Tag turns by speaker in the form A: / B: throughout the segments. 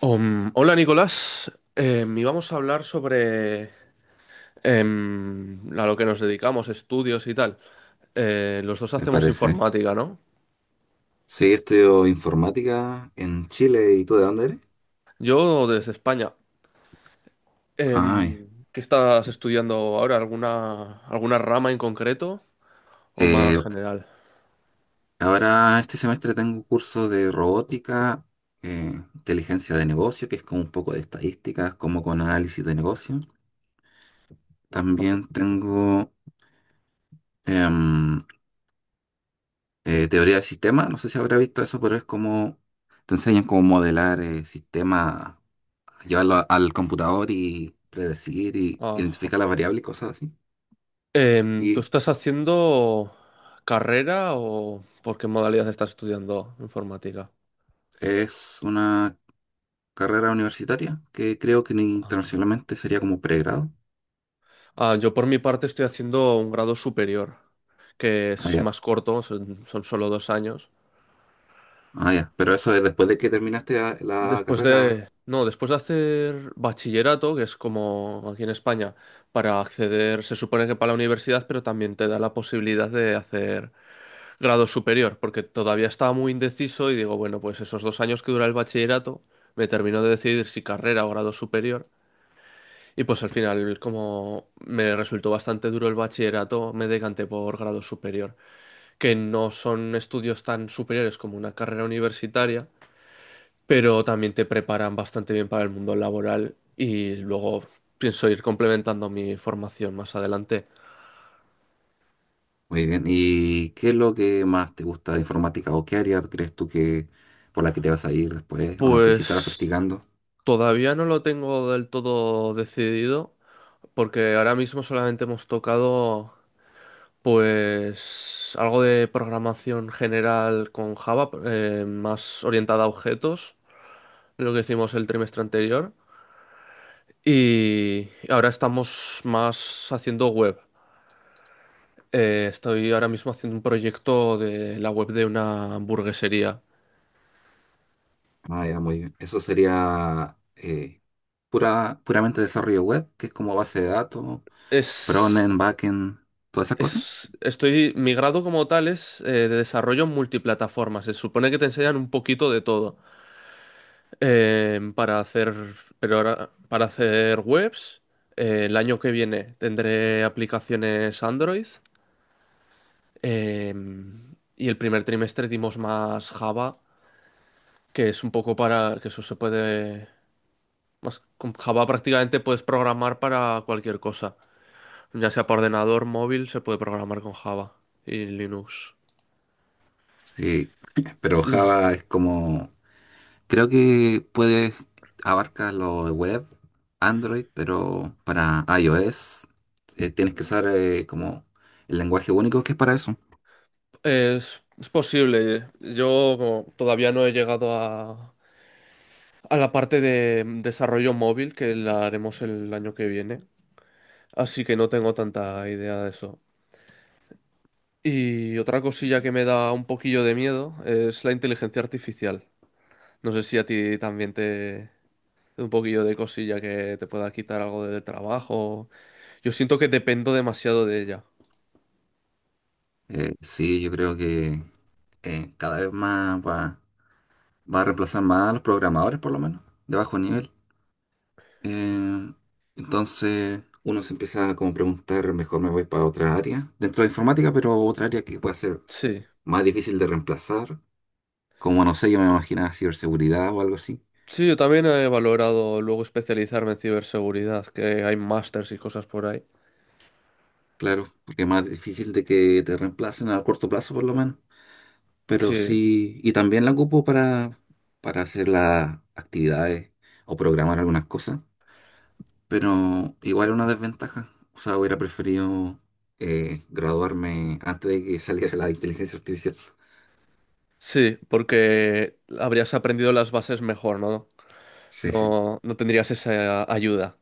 A: Hola Nicolás. Íbamos a hablar sobre a lo que nos dedicamos, estudios y tal. Los dos
B: Me
A: hacemos
B: parece.
A: informática, ¿no?
B: Sí, estudio informática en Chile. ¿Y tú de dónde eres?
A: Yo desde España.
B: Ay,
A: Em, ¿qué estás estudiando ahora? ¿Alguna rama en concreto o más
B: eh,
A: general?
B: ahora este semestre tengo un curso de robótica, inteligencia de negocio, que es como un poco de estadísticas, como con análisis de negocio.
A: Ah,
B: También tengo em, teoría de sistemas, no sé si habrá visto eso, pero es como te enseñan cómo modelar sistemas, llevarlo al computador y predecir y
A: ah, ah.
B: identificar las variables y cosas así.
A: Em, ¿tú
B: Y
A: estás haciendo carrera o por qué modalidad estás estudiando informática?
B: es una carrera universitaria, que creo que
A: Ah.
B: internacionalmente sería como pregrado.
A: Ah, yo por mi parte estoy haciendo un grado superior, que
B: Ah,
A: es
B: ya.
A: más corto, son solo dos años.
B: Ah, ya. Pero eso es después de que terminaste la
A: Después
B: carrera.
A: de, no, Después de hacer bachillerato, que es como aquí en España, para acceder, se supone que para la universidad, pero también te da la posibilidad de hacer grado superior, porque todavía estaba muy indeciso y digo, bueno, pues esos dos años que dura el bachillerato, me termino de decidir si carrera o grado superior. Y pues al final, como me resultó bastante duro el bachillerato, me decanté por grado superior, que no son estudios tan superiores como una carrera universitaria, pero también te preparan bastante bien para el mundo laboral y luego pienso ir complementando mi formación más adelante.
B: Muy bien. ¿Y qué es lo que más te gusta de informática o qué área crees tú que por la que te vas a ir después? O no sé si estarás
A: Pues
B: practicando.
A: todavía no lo tengo del todo decidido porque ahora mismo solamente hemos tocado pues algo de programación general con Java, más orientada a objetos, lo que hicimos el trimestre anterior. Y ahora estamos más haciendo web. Estoy ahora mismo haciendo un proyecto de la web de una hamburguesería.
B: Ah, ya, muy bien. Eso sería puramente desarrollo web, que es como base de datos,
A: Es,
B: frontend, backend, todas esas cosas.
A: Estoy, mi grado como tal es de desarrollo en multiplataformas. Se supone que te enseñan un poquito de todo eh, para hacer, pero ahora para hacer webs. El año que viene tendré aplicaciones Android, eh, y el primer trimestre dimos más Java, que es un poco para que eso se puede, más con Java prácticamente puedes programar para cualquier cosa, ya sea para ordenador, móvil, se puede programar con Java y Linux.
B: Sí, pero
A: L-
B: Java es como creo que puedes abarca lo de web, Android, pero para iOS tienes que usar como el lenguaje único que es para eso.
A: Es posible. Yo como todavía no he llegado a la parte de desarrollo móvil que la haremos el año que viene, así que no tengo tanta idea de eso. Y otra cosilla que me da un poquillo de miedo es la inteligencia artificial. No sé si a ti también te... Un poquillo de cosilla que te pueda quitar algo de trabajo. Yo siento que dependo demasiado de ella.
B: Sí, yo creo que cada vez más va a reemplazar más a los programadores, por lo menos, de bajo nivel. Eh, entonces uno se empieza a como preguntar, mejor me voy para otra área dentro de informática, pero otra área que pueda ser
A: Sí.
B: más difícil de reemplazar, como no sé, yo me imaginaba ciberseguridad o algo así.
A: Sí, yo también he valorado luego especializarme en ciberseguridad, que hay másters y cosas por ahí.
B: Claro, porque es más difícil de que te reemplacen a corto plazo por lo menos. Pero
A: Sí,
B: sí, y también la ocupo para, hacer las actividades o programar algunas cosas. Pero igual es una desventaja. O sea, hubiera preferido graduarme antes de que saliera la inteligencia artificial.
A: sí, porque habrías aprendido las bases mejor, ¿no?
B: Sí, sí,
A: No, no tendrías esa ayuda.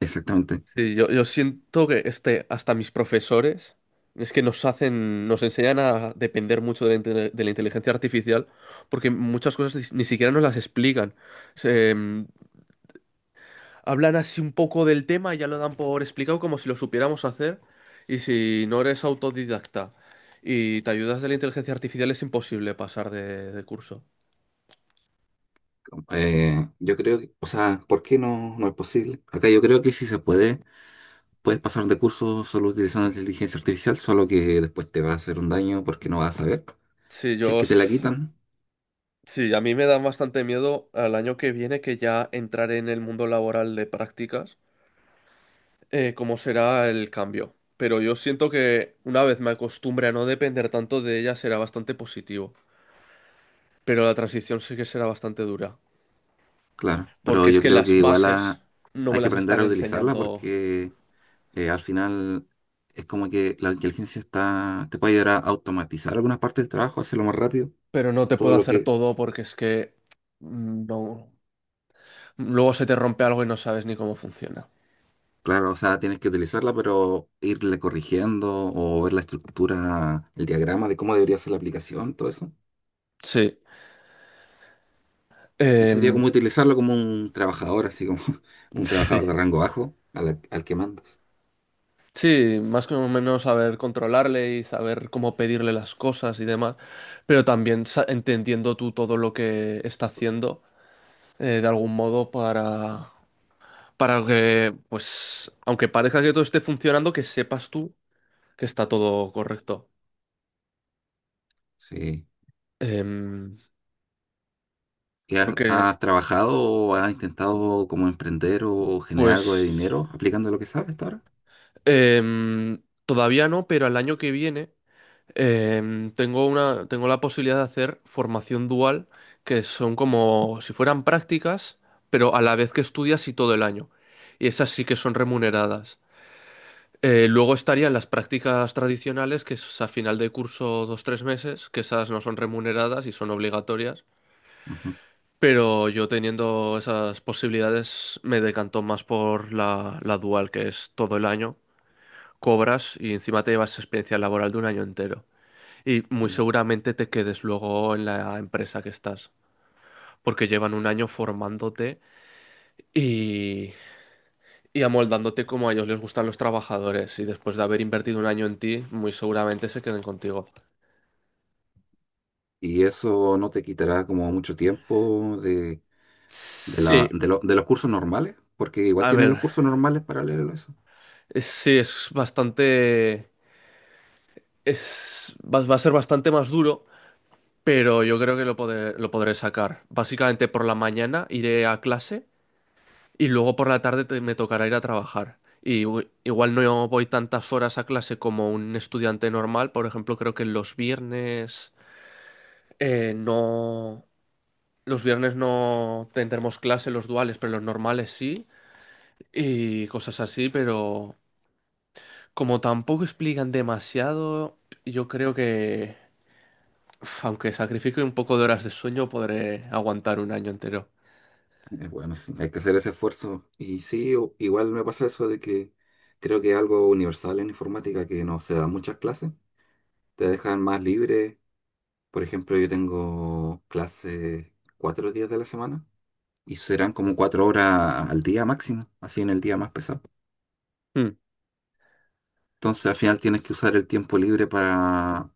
B: exactamente.
A: Sí, yo siento que este, hasta mis profesores es que nos hacen, nos enseñan a depender mucho de de la inteligencia artificial porque muchas cosas ni siquiera nos las explican. Se, mm, Hablan así un poco del tema y ya lo dan por explicado como si lo supiéramos hacer, y si no eres autodidacta y te ayudas de la inteligencia artificial es imposible pasar de curso.
B: Yo creo que, o sea, ¿por qué no es posible? Acá yo creo que sí se puede. Puedes pasar de curso solo utilizando inteligencia artificial, solo que después te va a hacer un daño porque no vas a saber.
A: Sí,
B: Si es
A: yo,
B: que te la
A: s-
B: quitan,
A: sí, a mí me da bastante miedo al año que viene que ya entrar en el mundo laboral de prácticas. Cómo será el cambio. Pero yo siento que una vez me acostumbre a no depender tanto de ella será bastante positivo. Pero la transición sí que será bastante dura.
B: claro. Pero
A: Porque es
B: yo
A: que
B: creo que
A: las
B: igual
A: bases no me
B: hay que
A: las
B: aprender
A: están
B: a utilizarla
A: enseñando.
B: porque al final es como que la inteligencia está, te puede ayudar a automatizar algunas partes del trabajo, hacerlo más rápido.
A: Pero no te
B: Todo
A: puedo
B: lo
A: hacer
B: que,
A: todo porque es que... No. Luego se te rompe algo y no sabes ni cómo funciona.
B: claro, o sea, tienes que utilizarla, pero irle corrigiendo o ver la estructura, el diagrama de cómo debería ser la aplicación, todo eso.
A: Sí.
B: Y sería
A: Em,
B: como utilizarlo como un trabajador, así como un
A: sí.
B: trabajador de rango bajo al que mandas.
A: Sí, más o menos saber controlarle y saber cómo pedirle las cosas y demás, pero también entendiendo tú todo lo que está haciendo de algún modo para que, pues, aunque parezca que todo esté funcionando, que sepas tú que está todo correcto.
B: Sí.
A: Em,
B: ¿Qué has,
A: porque,
B: has trabajado o has intentado como emprender o generar algo de
A: pues,
B: dinero aplicando lo que sabes hasta ahora?
A: Todavía no, pero el año que viene, tengo la posibilidad de hacer formación dual, que son como si fueran prácticas, pero a la vez que estudias y todo el año. Y esas sí que son remuneradas. Luego estarían las prácticas tradicionales, que es a final de curso dos tres meses, que esas no son remuneradas y son obligatorias.
B: Ujú.
A: Pero yo teniendo esas posibilidades me decanto más por la dual, que es todo el año, cobras y encima te llevas experiencia laboral de un año entero. Y muy seguramente te quedes luego en la empresa que estás, porque llevan un año formándote y, y amoldándote como a ellos les gustan los trabajadores. Y después de haber invertido un año en ti, muy seguramente se queden contigo.
B: ¿Y eso no te quitará como mucho tiempo de
A: Sí,
B: la- de lo- de los cursos normales? Porque igual
A: a
B: tienes los
A: ver,
B: cursos normales paralelos a eso.
A: es- sí, es bastante, es, va, va a ser bastante más duro, pero yo creo que lo podré sacar. Básicamente por la mañana iré a clase y luego por la tarde me tocará ir a trabajar. Y igual no voy tantas horas a clase como un estudiante normal, por ejemplo, creo que los viernes eh, no, los viernes no tendremos clase los duales, pero los normales sí y cosas así, pero... Como tampoco explican demasiado, yo creo que, uf, aunque sacrifique un poco de horas de sueño, podré aguantar un año entero.
B: Bueno, sí, hay que hacer ese esfuerzo. Y sí, igual me pasa eso de que creo que es algo universal en informática que no se dan muchas clases. Te dejan más libre. Por ejemplo, yo tengo clases 4 días de la semana y serán como 4 horas al día máximo, así en el día más pesado.
A: Hmm.
B: Entonces al final tienes que usar el tiempo libre para,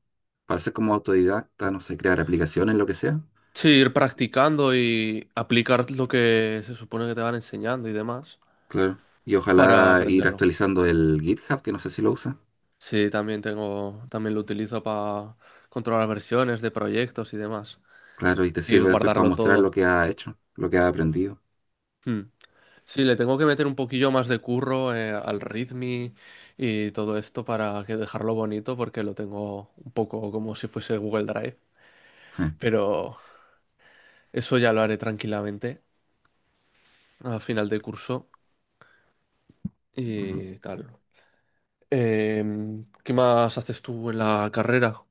B: ser como autodidacta, no sé, crear aplicaciones, lo que sea.
A: Sí, ir practicando y aplicar lo que se supone que te van enseñando y demás
B: Claro. Y
A: para
B: ojalá ir
A: aprenderlo.
B: actualizando el GitHub, que no sé si lo usa.
A: Sí, también tengo, también lo utilizo para controlar versiones de proyectos y demás
B: Claro, y te
A: y
B: sirve después para
A: guardarlo
B: mostrar lo
A: todo.
B: que ha hecho, lo que ha aprendido.
A: Hmm. Sí, le tengo que meter un poquillo más de curro al ritmi y todo esto para que dejarlo bonito porque lo tengo un poco como si fuese Google Drive,
B: Je,
A: pero eso ya lo haré tranquilamente a final de curso
B: ujú.
A: y tal. Em, ¿qué más haces tú en la carrera?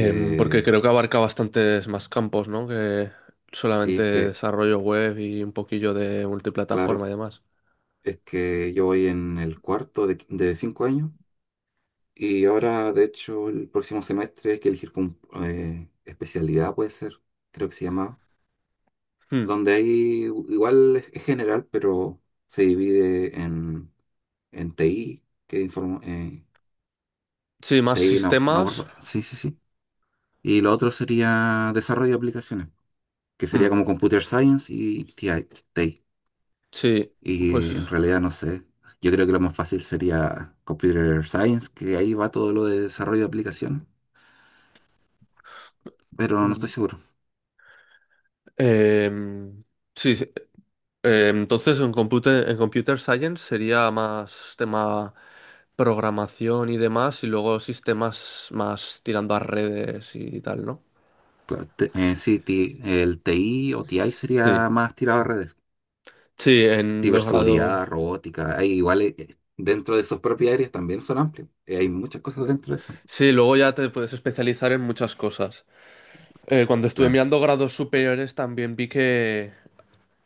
A: Em, porque creo que abarca bastantes más campos, ¿no? Que
B: sí,
A: solamente
B: es que,
A: desarrollo web y un poquillo de
B: claro,
A: multiplataforma y demás.
B: es que yo voy en el cuarto de 5 años. Y ahora, de hecho, el próximo semestre hay que elegir con, especialidad, puede ser, creo que se llama,
A: Hmm.
B: donde hay, igual es general, pero se divide en TI, que
A: Sí, más
B: TI no, no
A: sistemas.
B: acuerdo, sí, sí, sí. Y lo otro sería desarrollo de aplicaciones, que
A: Hmm.
B: sería como Computer Science y TI. TI.
A: Sí, pues.
B: Y en realidad no sé, yo creo que lo más fácil sería Computer Science, que ahí va todo lo de desarrollo de aplicaciones, pero no estoy
A: Mm.
B: seguro.
A: Em, sí, sí. Entonces en en computer science sería más tema programación y demás, y luego sistemas más tirando a redes y tal, ¿no?
B: Claro, sí, el TI o TI
A: Sí,
B: sería más tirado a redes.
A: sí, en los grados.
B: Ciberseguridad, robótica, hay igual dentro de sus propias áreas también son amplios. Hay muchas cosas dentro de eso.
A: Sí, luego ya te puedes especializar en muchas cosas. Cuando estuve
B: Claro,
A: mirando grados superiores también vi que...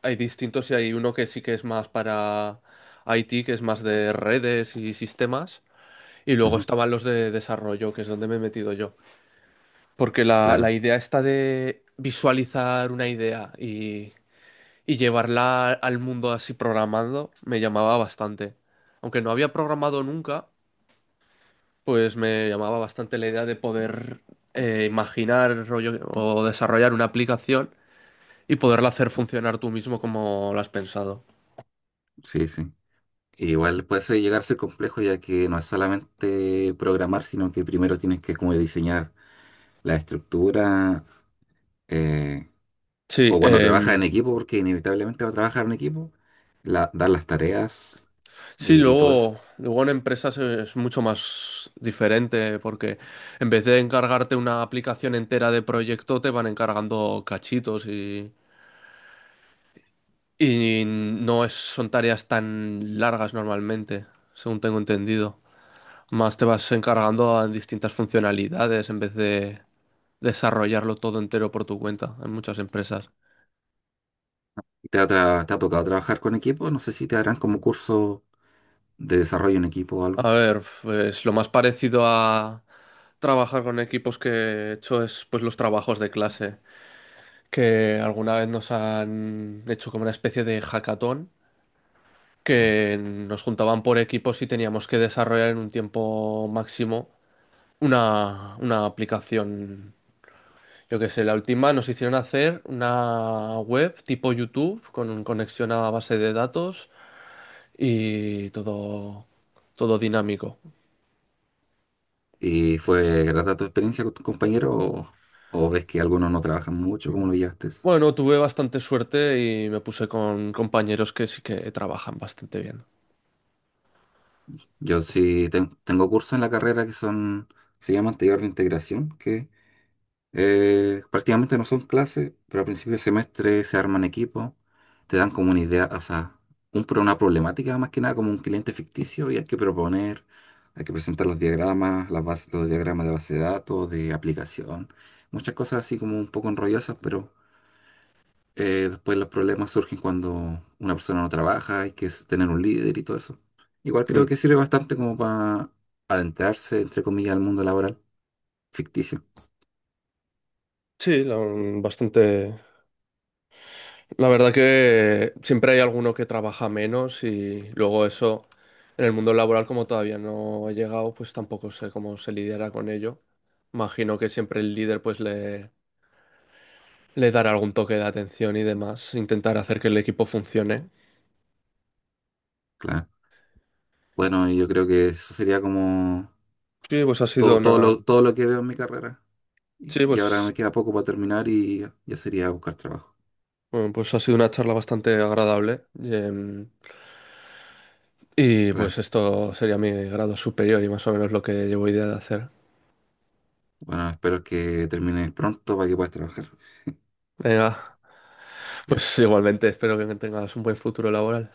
A: Hay distintos y hay uno que sí que es más para IT, que es más de redes y sistemas. Y luego
B: ujú,
A: estaban los de desarrollo, que es donde me he metido yo. Porque la
B: claro,
A: idea está de visualizar una idea y llevarla al mundo así programando, me llamaba bastante. Aunque no había programado nunca, pues me llamaba bastante la idea de poder imaginar rollo, o desarrollar una aplicación y poderla hacer funcionar tú mismo como la has pensado.
B: sí, sí. Igual puede ser- llegar a ser complejo ya que no es solamente programar, sino que primero tienes que como diseñar la estructura eh,
A: Sí,
B: o cuando trabajas en
A: em.
B: equipo, porque inevitablemente va a trabajar en equipo, dar las tareas
A: Sí,
B: y todo eso.
A: luego en empresas es mucho más diferente porque en vez de encargarte una aplicación entera de proyecto, te van encargando cachitos y no es, son tareas tan largas normalmente, según tengo entendido. Más te vas encargando en distintas funcionalidades en vez de desarrollarlo todo entero por tu cuenta en muchas empresas.
B: ¿Te ha tocado trabajar con equipos? No sé si te harán como curso de desarrollo en equipo o
A: A
B: algo.
A: ver, pues lo más parecido a trabajar con equipos que he hecho es pues los trabajos de clase, que alguna vez nos han hecho como una especie de hackathon,
B: Mm.
A: que nos juntaban por equipos y teníamos que desarrollar en un tiempo máximo una aplicación. Yo qué sé, la última nos hicieron hacer una web tipo YouTube con conexión a base de datos y todo dinámico.
B: ¿Y fue grata tu experiencia con tus compañeros, o ves que algunos no trabajan mucho? ¿Cómo lo llevaste eso?
A: Bueno, tuve bastante suerte y me puse con compañeros que sí que trabajan bastante bien.
B: Yo sí tengo cursos en la carrera que son, se llaman taller de integración, que eh, prácticamente no son clases, pero al principio de semestre se arman equipos, te dan como una idea, o sea, una problemática más que nada como un cliente ficticio y hay que proponer, hay que presentar los diagramas, los diagramas de base de datos, de aplicación, muchas cosas así como un poco enrollosas, pero después los problemas surgen cuando una persona no trabaja, hay que tener un líder y todo eso. Igual creo
A: Mm.
B: que sirve bastante como para adentrarse, entre comillas, al mundo laboral ficticio,
A: Sí, la- Bastante. La verdad que siempre hay alguno que trabaja menos y luego eso en el mundo laboral como todavía no he llegado, pues tampoco sé cómo se lidiará con ello. Imagino que siempre el líder pues le dará algún toque de atención y demás, intentar hacer que el equipo funcione.
B: claro. Bueno, y yo creo que eso sería como
A: Sí, pues ha sido
B: todo,
A: una,
B: todo lo que veo en mi carrera.
A: sí,
B: Y ahora me
A: pues,
B: queda poco para terminar y ya sería buscar trabajo.
A: Bueno, pues ha sido una charla bastante agradable. Y, em, y,
B: Claro.
A: pues esto sería mi grado superior y más o menos lo que llevo idea de hacer.
B: Bueno, espero que termines pronto para que puedas trabajar.
A: Venga,
B: Ya.
A: pues igualmente espero que tengas un buen futuro laboral.